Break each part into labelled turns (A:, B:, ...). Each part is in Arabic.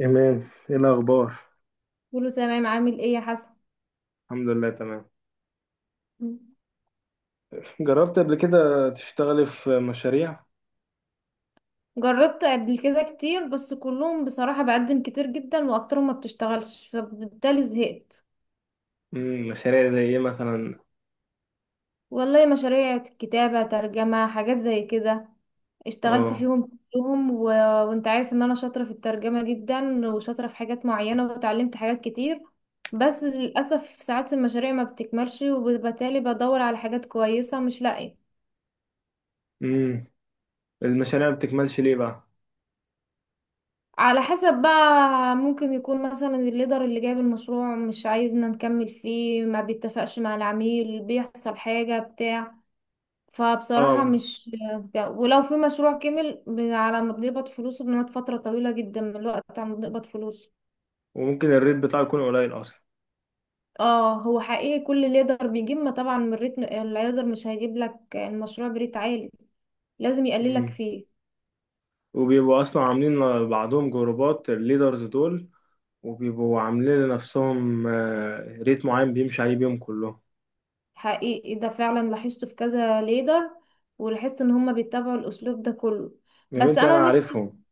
A: إيمان، إيه الأخبار؟
B: كله تمام. عامل ايه يا حسن؟
A: الحمد لله تمام. جربت قبل كده تشتغلي في مشاريع؟
B: جربت قبل كده كتير، بس كلهم بصراحة بقدم كتير جدا واكترهم ما بتشتغلش، فبالتالي زهقت.
A: مم. مشاريع زي إيه مثلا؟
B: والله مشاريع كتابة، ترجمة، حاجات زي كده. اشتغلت
A: آه.
B: فيهم كلهم وانت عارف ان انا شاطرة في الترجمة جدا، وشاطرة في حاجات معينة وتعلمت حاجات كتير. بس للأسف ساعات المشاريع ما بتكملش، وبالتالي بدور على حاجات كويسة مش لاقية.
A: مم. المشاريع ما بتكملش ليه بقى؟
B: على حسب بقى. ممكن يكون مثلا الليدر اللي جايب المشروع مش عايزنا نكمل فيه، ما بيتفقش مع العميل، بيحصل حاجة بتاع، فبصراحة
A: آه.
B: مش. ولو في مشروع كمل على ما بنقبض فلوسه بنقعد فترة طويلة جدا من الوقت على ما بنقبض فلوسه.
A: وممكن الريت بتاعه يكون قليل أصلا.
B: اه، هو حقيقي كل ليدر بيجيب، ما طبعا من الريتم الليدر مش هيجيب لك المشروع بريت عالي، لازم يقللك
A: مم.
B: فيه.
A: وبيبقوا أصلا عاملين بعضهم جروبات الليدرز دول، وبيبقوا عاملين لنفسهم ريت معين بيمشي عليه بيهم كلهم.
B: حقيقي ده فعلا لاحظته في كذا ليدر، ولاحظت ان هما بيتبعوا الاسلوب ده كله.
A: يا
B: بس
A: بنتي أنا
B: انا نفسي.
A: عارفهم.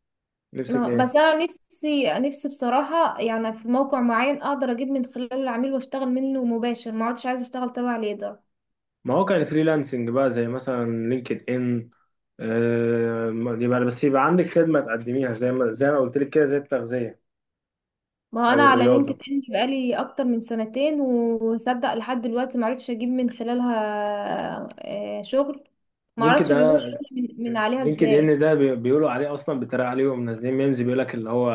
A: نفسك إيه؟
B: بس انا نفسي بصراحة يعني في موقع معين اقدر اجيب من خلاله العميل واشتغل منه مباشر، ما عادش عايزة اشتغل تبع ليدر.
A: ما هو كان فريلانسنج بقى زي مثلا لينكد ان. يبقى بس يبقى عندك خدمة تقدميها زي ما قلت لك كده، زي التغذية
B: ما هو انا
A: أو
B: على لينكد
A: الرياضة.
B: ان بقالي اكتر من سنتين، وصدق لحد دلوقتي ما عرفتش اجيب من خلالها شغل. ما
A: لينكد
B: اعرفش بيجيبوا الشغل
A: ده
B: من عليها
A: لينكد إن
B: ازاي.
A: ده بيقولوا عليه أصلا، بيتريق عليه ومنزلين ميمز بيقول لك اللي هو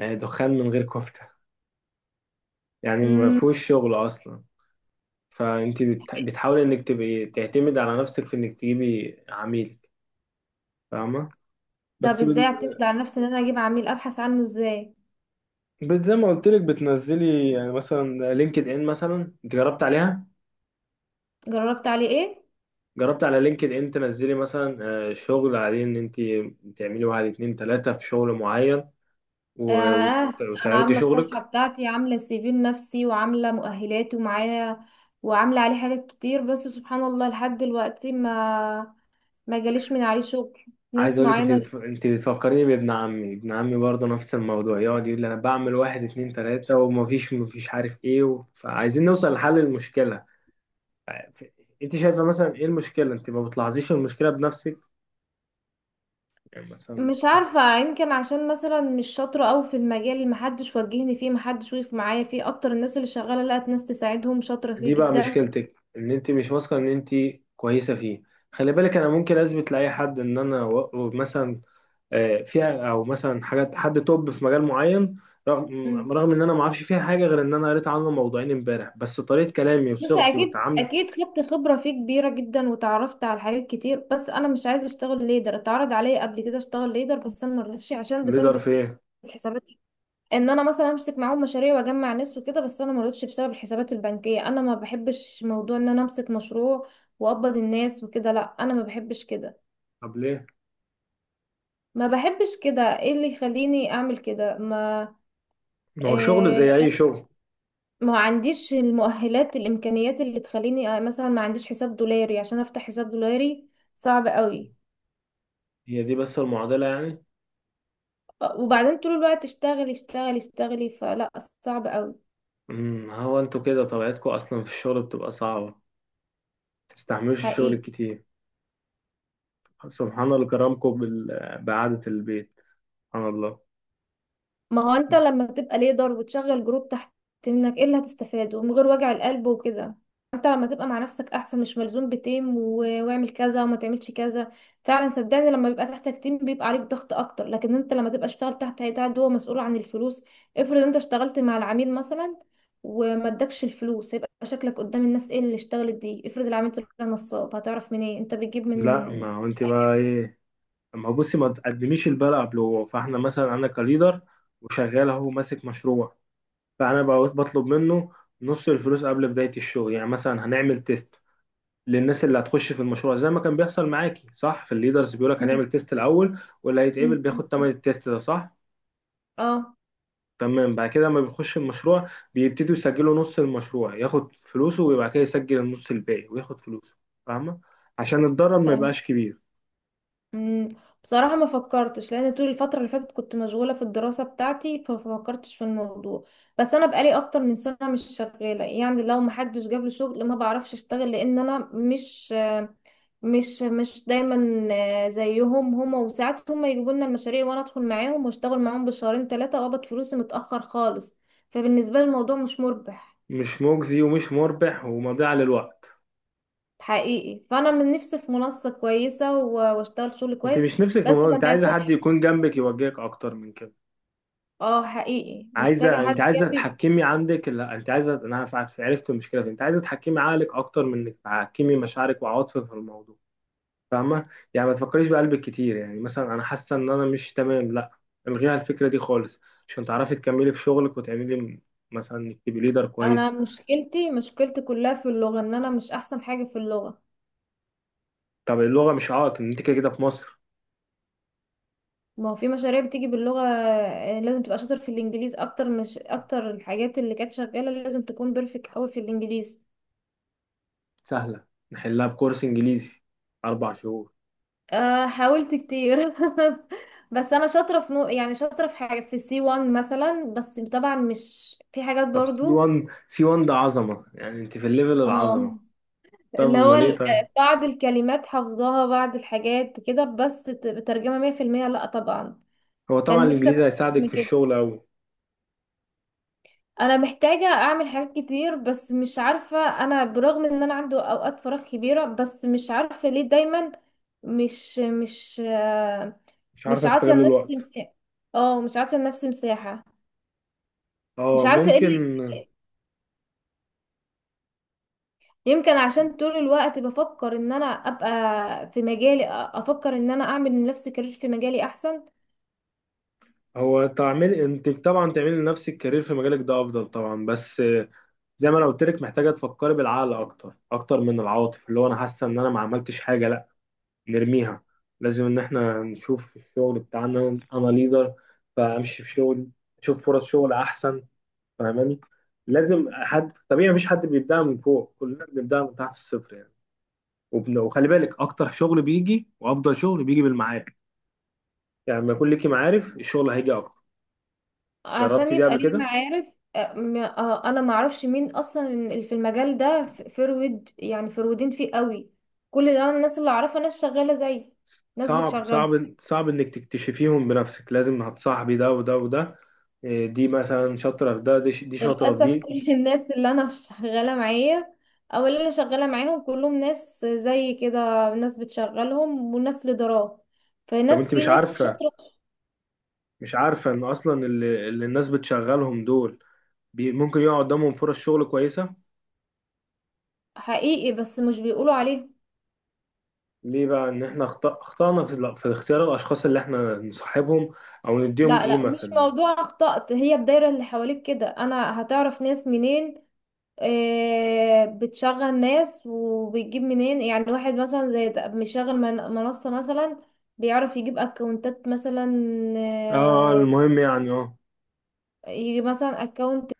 A: دخان من غير كفتة. يعني ما
B: مم،
A: فيهوش شغل أصلا. فأنت بتحاولي إنك تبقي تعتمد على نفسك في إنك تجيبي عميلك. فاهمة؟
B: طب
A: بس
B: ازاي اعتمد على نفسي ان انا اجيب عميل؟ ابحث عنه ازاي؟
A: زي ما قلت لك بتنزلي يعني مثلا لينكد إن مثلا. أنت جربت عليها؟
B: جربت عليه ايه.
A: جربت على لينكد ان تنزلي مثلا شغل عليه، ان انت تعملي واحد اتنين تلاتة في شغل معين،
B: آه. أنا
A: وتعرضي
B: عاملة الصفحة
A: شغلك.
B: بتاعتي، عاملة السي في النفسي، وعاملة مؤهلات ومعايا، وعاملة عليه حاجات كتير. بس سبحان الله لحد دلوقتي ما جاليش من عليه شغل.
A: عايز
B: ناس
A: اقول لك انت
B: معينة.
A: انت بتفكريني بابن عمي. ابن عمي برضه نفس الموضوع، يقعد يقول لي انا بعمل واحد اتنين تلاتة ومفيش عارف ايه فعايزين نوصل لحل المشكلة. ف- انت شايفة مثلا ايه المشكلة؟ انت ما بتلاحظيش المشكلة بنفسك؟ يعني مثلا مش.
B: مش عارفة، يمكن عشان مثلا مش شاطرة أوي في المجال، اللي محدش وجهني فيه، محدش وقف معايا فيه. أكتر الناس اللي شغالة لقت ناس تساعدهم شاطرة فيه
A: دي بقى
B: جدا.
A: مشكلتك، ان انت مش واثقة ان انت كويسة فيه. خلي بالك، انا ممكن اثبت لاي حد ان انا مثلا فيها، او مثلا حاجات حد توب في مجال معين. رغم
B: امم.
A: رغم ان انا ما اعرفش فيها حاجه، غير ان انا قريت عنه موضوعين امبارح، بس طريقه كلامي
B: بس
A: وصيغتي
B: أكيد
A: والتعامل.
B: أكيد خدت خبرة فيه كبيرة جدا، وتعرفت على حاجات كتير. بس أنا مش عايزة أشتغل ليدر. اتعرض عليا قبل كده أشتغل ليدر بس أنا مرضتش، عشان
A: ليدر
B: بسبب
A: في ايه؟
B: الحسابات. ان انا مثلا امسك معاهم مشاريع واجمع ناس وكده، بس انا ما رضيتش بسبب الحسابات البنكيه. انا ما بحبش موضوع ان انا امسك مشروع واقبض الناس وكده، لا انا ما بحبش كده.
A: طب ليه؟
B: ما بحبش كده. ايه اللي يخليني اعمل كده؟ ما.
A: ما هو شغل
B: إيه؟
A: زي اي شغل.
B: ما عنديش المؤهلات، الامكانيات اللي تخليني. مثلا ما عنديش حساب دولاري عشان افتح حساب دولاري. صعب قوي.
A: هي دي بس المعضله يعني.
B: وبعدين طول الوقت اشتغلي اشتغلي اشتغلي، فلا. صعب قوي.
A: هو انتوا كده طبيعتكم اصلا في الشغل بتبقى صعبه، تستحملوش الشغل
B: حقيقي.
A: الكتير. سبحان الله كرمكم بقعده البيت. سبحان الله.
B: ما هو انت لما تبقى ليدر وتشغل جروب تحت منك، ايه اللي هتستفاده من غير وجع القلب وكده؟ انت لما تبقى مع نفسك احسن، مش ملزوم بتيم واعمل كذا وما تعملش كذا. فعلا صدقني لما بيبقى تحتك تيم بيبقى عليك ضغط اكتر، لكن انت لما تبقى اشتغل تحت هيئة عد هو مسؤول عن الفلوس. افرض انت اشتغلت مع العميل مثلا وما ادكش الفلوس، هيبقى شكلك قدام الناس ايه؟ اللي اشتغلت دي، افرض العميل طلع نصاب، هتعرف منين انت بتجيب من.
A: لا، ما هو انت بقى
B: أي-
A: ايه؟ ما هو بصي، ما تقدميش البلاء قبل. هو فاحنا مثلا انا كليدر وشغال اهو ماسك مشروع. فانا بقى بطلب منه نص الفلوس قبل بداية الشغل. يعني مثلا هنعمل تيست للناس اللي هتخش في المشروع، زي ما كان بيحصل معاكي، صح؟ في الليدرز بيقولك
B: مم.
A: هنعمل تيست الاول، واللي هيتقبل
B: مم.
A: بياخد تمن التيست ده، صح؟
B: اه.
A: تمام. بعد كده لما بيخش المشروع، بيبتدوا يسجلوا نص المشروع، ياخد فلوسه، وبعد كده يسجل النص الباقي وياخد فلوسه. فاهمة؟ عشان الضرر ما يبقاش كبير.
B: مم، بصراحة ما فكرتش، لأن طول الفترة اللي فاتت كنت مشغولة في الدراسة بتاعتي، فما فكرتش في الموضوع. بس أنا بقالي أكتر من سنة مش شغالة، يعني لو ما حدش جاب لي شغل ما بعرفش أشتغل، لأن أنا مش دايما زيهم هما. وساعات هما يجيبوا لنا المشاريع وأنا أدخل معاهم وأشتغل معاهم بالشهرين ثلاثة، وأقبض فلوسي متأخر خالص. فبالنسبة لي الموضوع مش مربح.
A: مش مجزي ومش مربح ومضيعة للوقت.
B: حقيقي. فأنا من نفسي في منصة كويسة وأشتغل شغل
A: انت
B: كويس.
A: مش نفسك في
B: بس
A: الموضوع. انت
B: لما
A: عايزة
B: يكون.
A: حد يكون جنبك يوجهك اكتر من كده.
B: اه حقيقي محتاجة
A: عايزه.
B: حد
A: انت عايزه
B: جنبي.
A: تحكمي عندك. لا، انت عايزه. انا عرفت المشكله فين. انت عايزه تحكمي عقلك اكتر من انك تحكمي مشاعرك وعواطفك في الموضوع. فاهمه؟ يعني ما تفكريش بقلبك كتير، يعني مثلا انا حاسه ان انا مش تمام، لا. الغيها الفكره دي خالص، عشان تعرفي تكملي في شغلك وتعملي مثلا انك تبقي ليدر
B: انا
A: كويس.
B: مشكلتي كلها في اللغة، ان انا مش احسن حاجة في اللغة.
A: طب اللغه مش عائق، ان انت كده كده في مصر.
B: ما هو في مشاريع بتيجي باللغة، لازم تبقى شاطر في الانجليز اكتر. مش اكتر الحاجات اللي كانت شغالة لازم تكون بيرفكت قوي في الانجليز.
A: سهله، نحلها بكورس انجليزي اربع شهور.
B: أه حاولت كتير بس انا شاطرة في نوع، يعني شاطرة في حاجة في السي 1 مثلا، بس طبعا مش في حاجات
A: طب سي
B: برضو.
A: 1، سي 1 ده عظمه. يعني انت في الليفل
B: اه،
A: العظمه. طب
B: اللي هو
A: امال ايه، طيب؟
B: بعض الكلمات حافظاها، بعض الحاجات كده، بس ترجمة مية في المية لأ طبعا.
A: هو طبعا
B: كان نفسي اكون
A: الانجليزي
B: احسن
A: هيساعدك
B: من
A: في
B: كده.
A: الشغل أوي.
B: انا محتاجه اعمل حاجات كتير بس مش عارفه. انا برغم ان انا عندي اوقات فراغ كبيره بس مش عارفه ليه دايما مش مش آه،
A: مش عارف
B: مش عاطيه
A: استغل
B: لنفسي
A: الوقت.
B: مساحه. اه مش عاطيه لنفسي مساحه.
A: اه،
B: مش عارفه ايه اللي.
A: ممكن.
B: يمكن عشان طول الوقت بفكر ان انا ابقى في مجالي، افكر ان انا اعمل لنفسي كارير في مجالي احسن.
A: هو تعمل، انت طبعا تعملي لنفسك كارير في مجالك، ده افضل طبعا. بس زي ما انا قلت لك، محتاجه تفكري بالعقل اكتر، اكتر من العاطف اللي هو انا حاسه ان انا ما عملتش حاجه، لا. نرميها. لازم ان احنا نشوف في الشغل بتاعنا. انا ليدر، فامشي في شغل، اشوف فرص شغل احسن. فاهماني؟ لازم. حد طبيعي، مفيش حد بيبدأ من فوق، كلنا بنبدأ من تحت الصفر يعني. وخلي بالك، اكتر شغل بيجي وافضل شغل بيجي بالمعارف. يعني لما يكون ليكي معارف، الشغل هيجي اكتر.
B: عشان
A: جربتي دي
B: يبقى
A: قبل
B: ليه
A: كده؟
B: معارف. انا ما اعرفش مين اصلا اللي في المجال ده. فرود يعني، فرودين فيه قوي. كل ده، أنا الناس اللي اعرفها ناس شغاله زي ناس بتشغله.
A: صعب انك تكتشفيهم بنفسك. لازم هتصاحبي ده وده وده. إيه، دي مثلا شاطره في ده، دي شاطره في
B: للاسف
A: دي.
B: كل الناس اللي انا شغاله معايا او اللي انا شغاله معاهم كلهم ناس زي كده. ناس بتشغلهم وناس ليدرات.
A: طب
B: فناس
A: انت
B: في
A: مش
B: ناس
A: عارفه؟
B: شاطره
A: مش عارفه ان اصلا اللي الناس بتشغلهم دول، ممكن يقع قدامهم فرص شغل كويسه.
B: حقيقي، بس مش بيقولوا عليهم.
A: ليه بقى؟ ان احنا اخطأنا في اختيار الاشخاص اللي احنا نصاحبهم، او نديهم
B: لا لا،
A: قيمه في
B: مش موضوع اخطأت. هي الدايره اللي حواليك كده، انا هتعرف ناس منين؟ بتشغل ناس وبتجيب منين، يعني واحد مثلا زي ده مشغل منصة مثلا، بيعرف يجيب اكونتات مثلا.
A: اه،
B: آه،
A: المهم يعني. اه،
B: يجيب مثلا اكونت.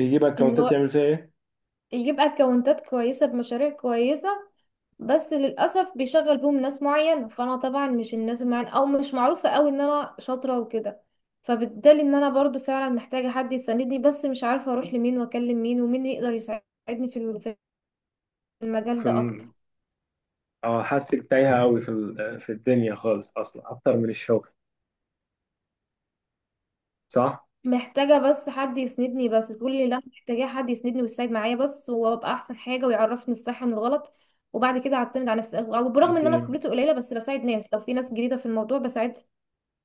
A: يجيب
B: ان
A: اكونتات
B: هو
A: يعمل فيها ايه؟
B: يجيب اكونتات كويسة بمشاريع كويسة، بس للأسف بيشغل بيهم ناس معين. فأنا طبعا مش الناس المعين، أو مش معروفة أوي إن أنا شاطرة وكده. فبالتالي إن أنا برضو فعلا محتاجة حد يساندني، بس مش عارفة أروح لمين وأكلم مين ومين يقدر يساعدني في في المجال
A: في.
B: ده أكتر.
A: اه، حاسك تايهة أوي في في الدنيا خالص، أصلا أكتر من الشغل. صح؟
B: محتاجة بس حد يسندني، بس تقول لي لا محتاجة حد يسندني ويساعد معايا، بس وابقى احسن حاجة ويعرفني الصح من الغلط. وبعد كده اعتمد على نفسي. وبرغم
A: أنت.
B: ان انا خبرتي قليلة بس بساعد ناس، لو في ناس جديدة في الموضوع بساعدها.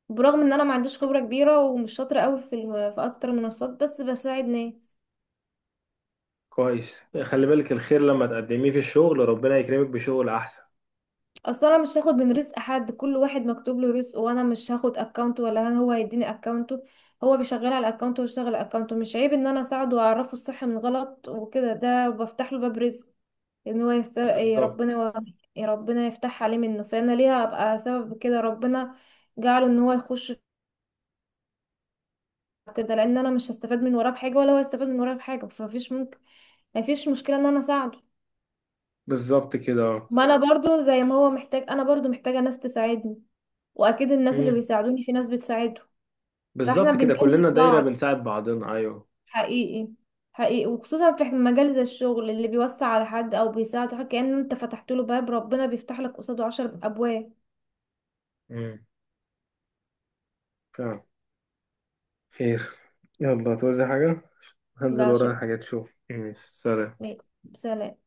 B: برغم ان انا ما عنديش خبرة كبيرة ومش شاطرة قوي في في اكتر منصات، بس بساعد ناس.
A: كويس، خلي بالك، الخير لما تقدميه في الشغل ربنا يكرمك بشغل أحسن.
B: اصل انا مش هاخد من رزق حد. كل واحد مكتوب له رزقه، وانا مش هاخد اكونت ولا هو هيديني اكونته. هو بيشغل على اكونته ويشتغل على اكونته، مش عيب ان انا اساعده واعرفه الصح من الغلط وكده، ده بفتح له باب رزق. ان هو يستر. إيه ربنا
A: بالظبط.
B: إيه ربنا يفتح عليه منه. فانا ليه ابقى سبب كده؟ ربنا جعله ان هو يخش في كده، لان انا مش هستفاد من وراه بحاجه ولا هو هيستفاد من وراه بحاجه. فمفيش ممكن. مفيش مشكله ان انا اساعده.
A: بالظبط كده، اه.
B: ما انا برضو زي ما هو محتاج، انا برضو محتاجه ناس تساعدني. واكيد الناس اللي
A: مم.
B: بيساعدوني في ناس بتساعده. فاحنا
A: بالظبط كده، كلنا
B: بنكمل
A: دايرة
B: بعض.
A: بنساعد بعضنا، أيوه.
B: حقيقي. حقيقي وخصوصا في مجال زي الشغل، اللي بيوسع على حد او بيساعده حاجة كأن انت فتحت له باب، ربنا بيفتح لك قصاده 10 ابواب.
A: مم. فعلا. خير. يلا توزع حاجة. هنزل
B: لا
A: ورايا
B: شكرا.
A: حاجات، شوف. ماشي، سلام.
B: سلام.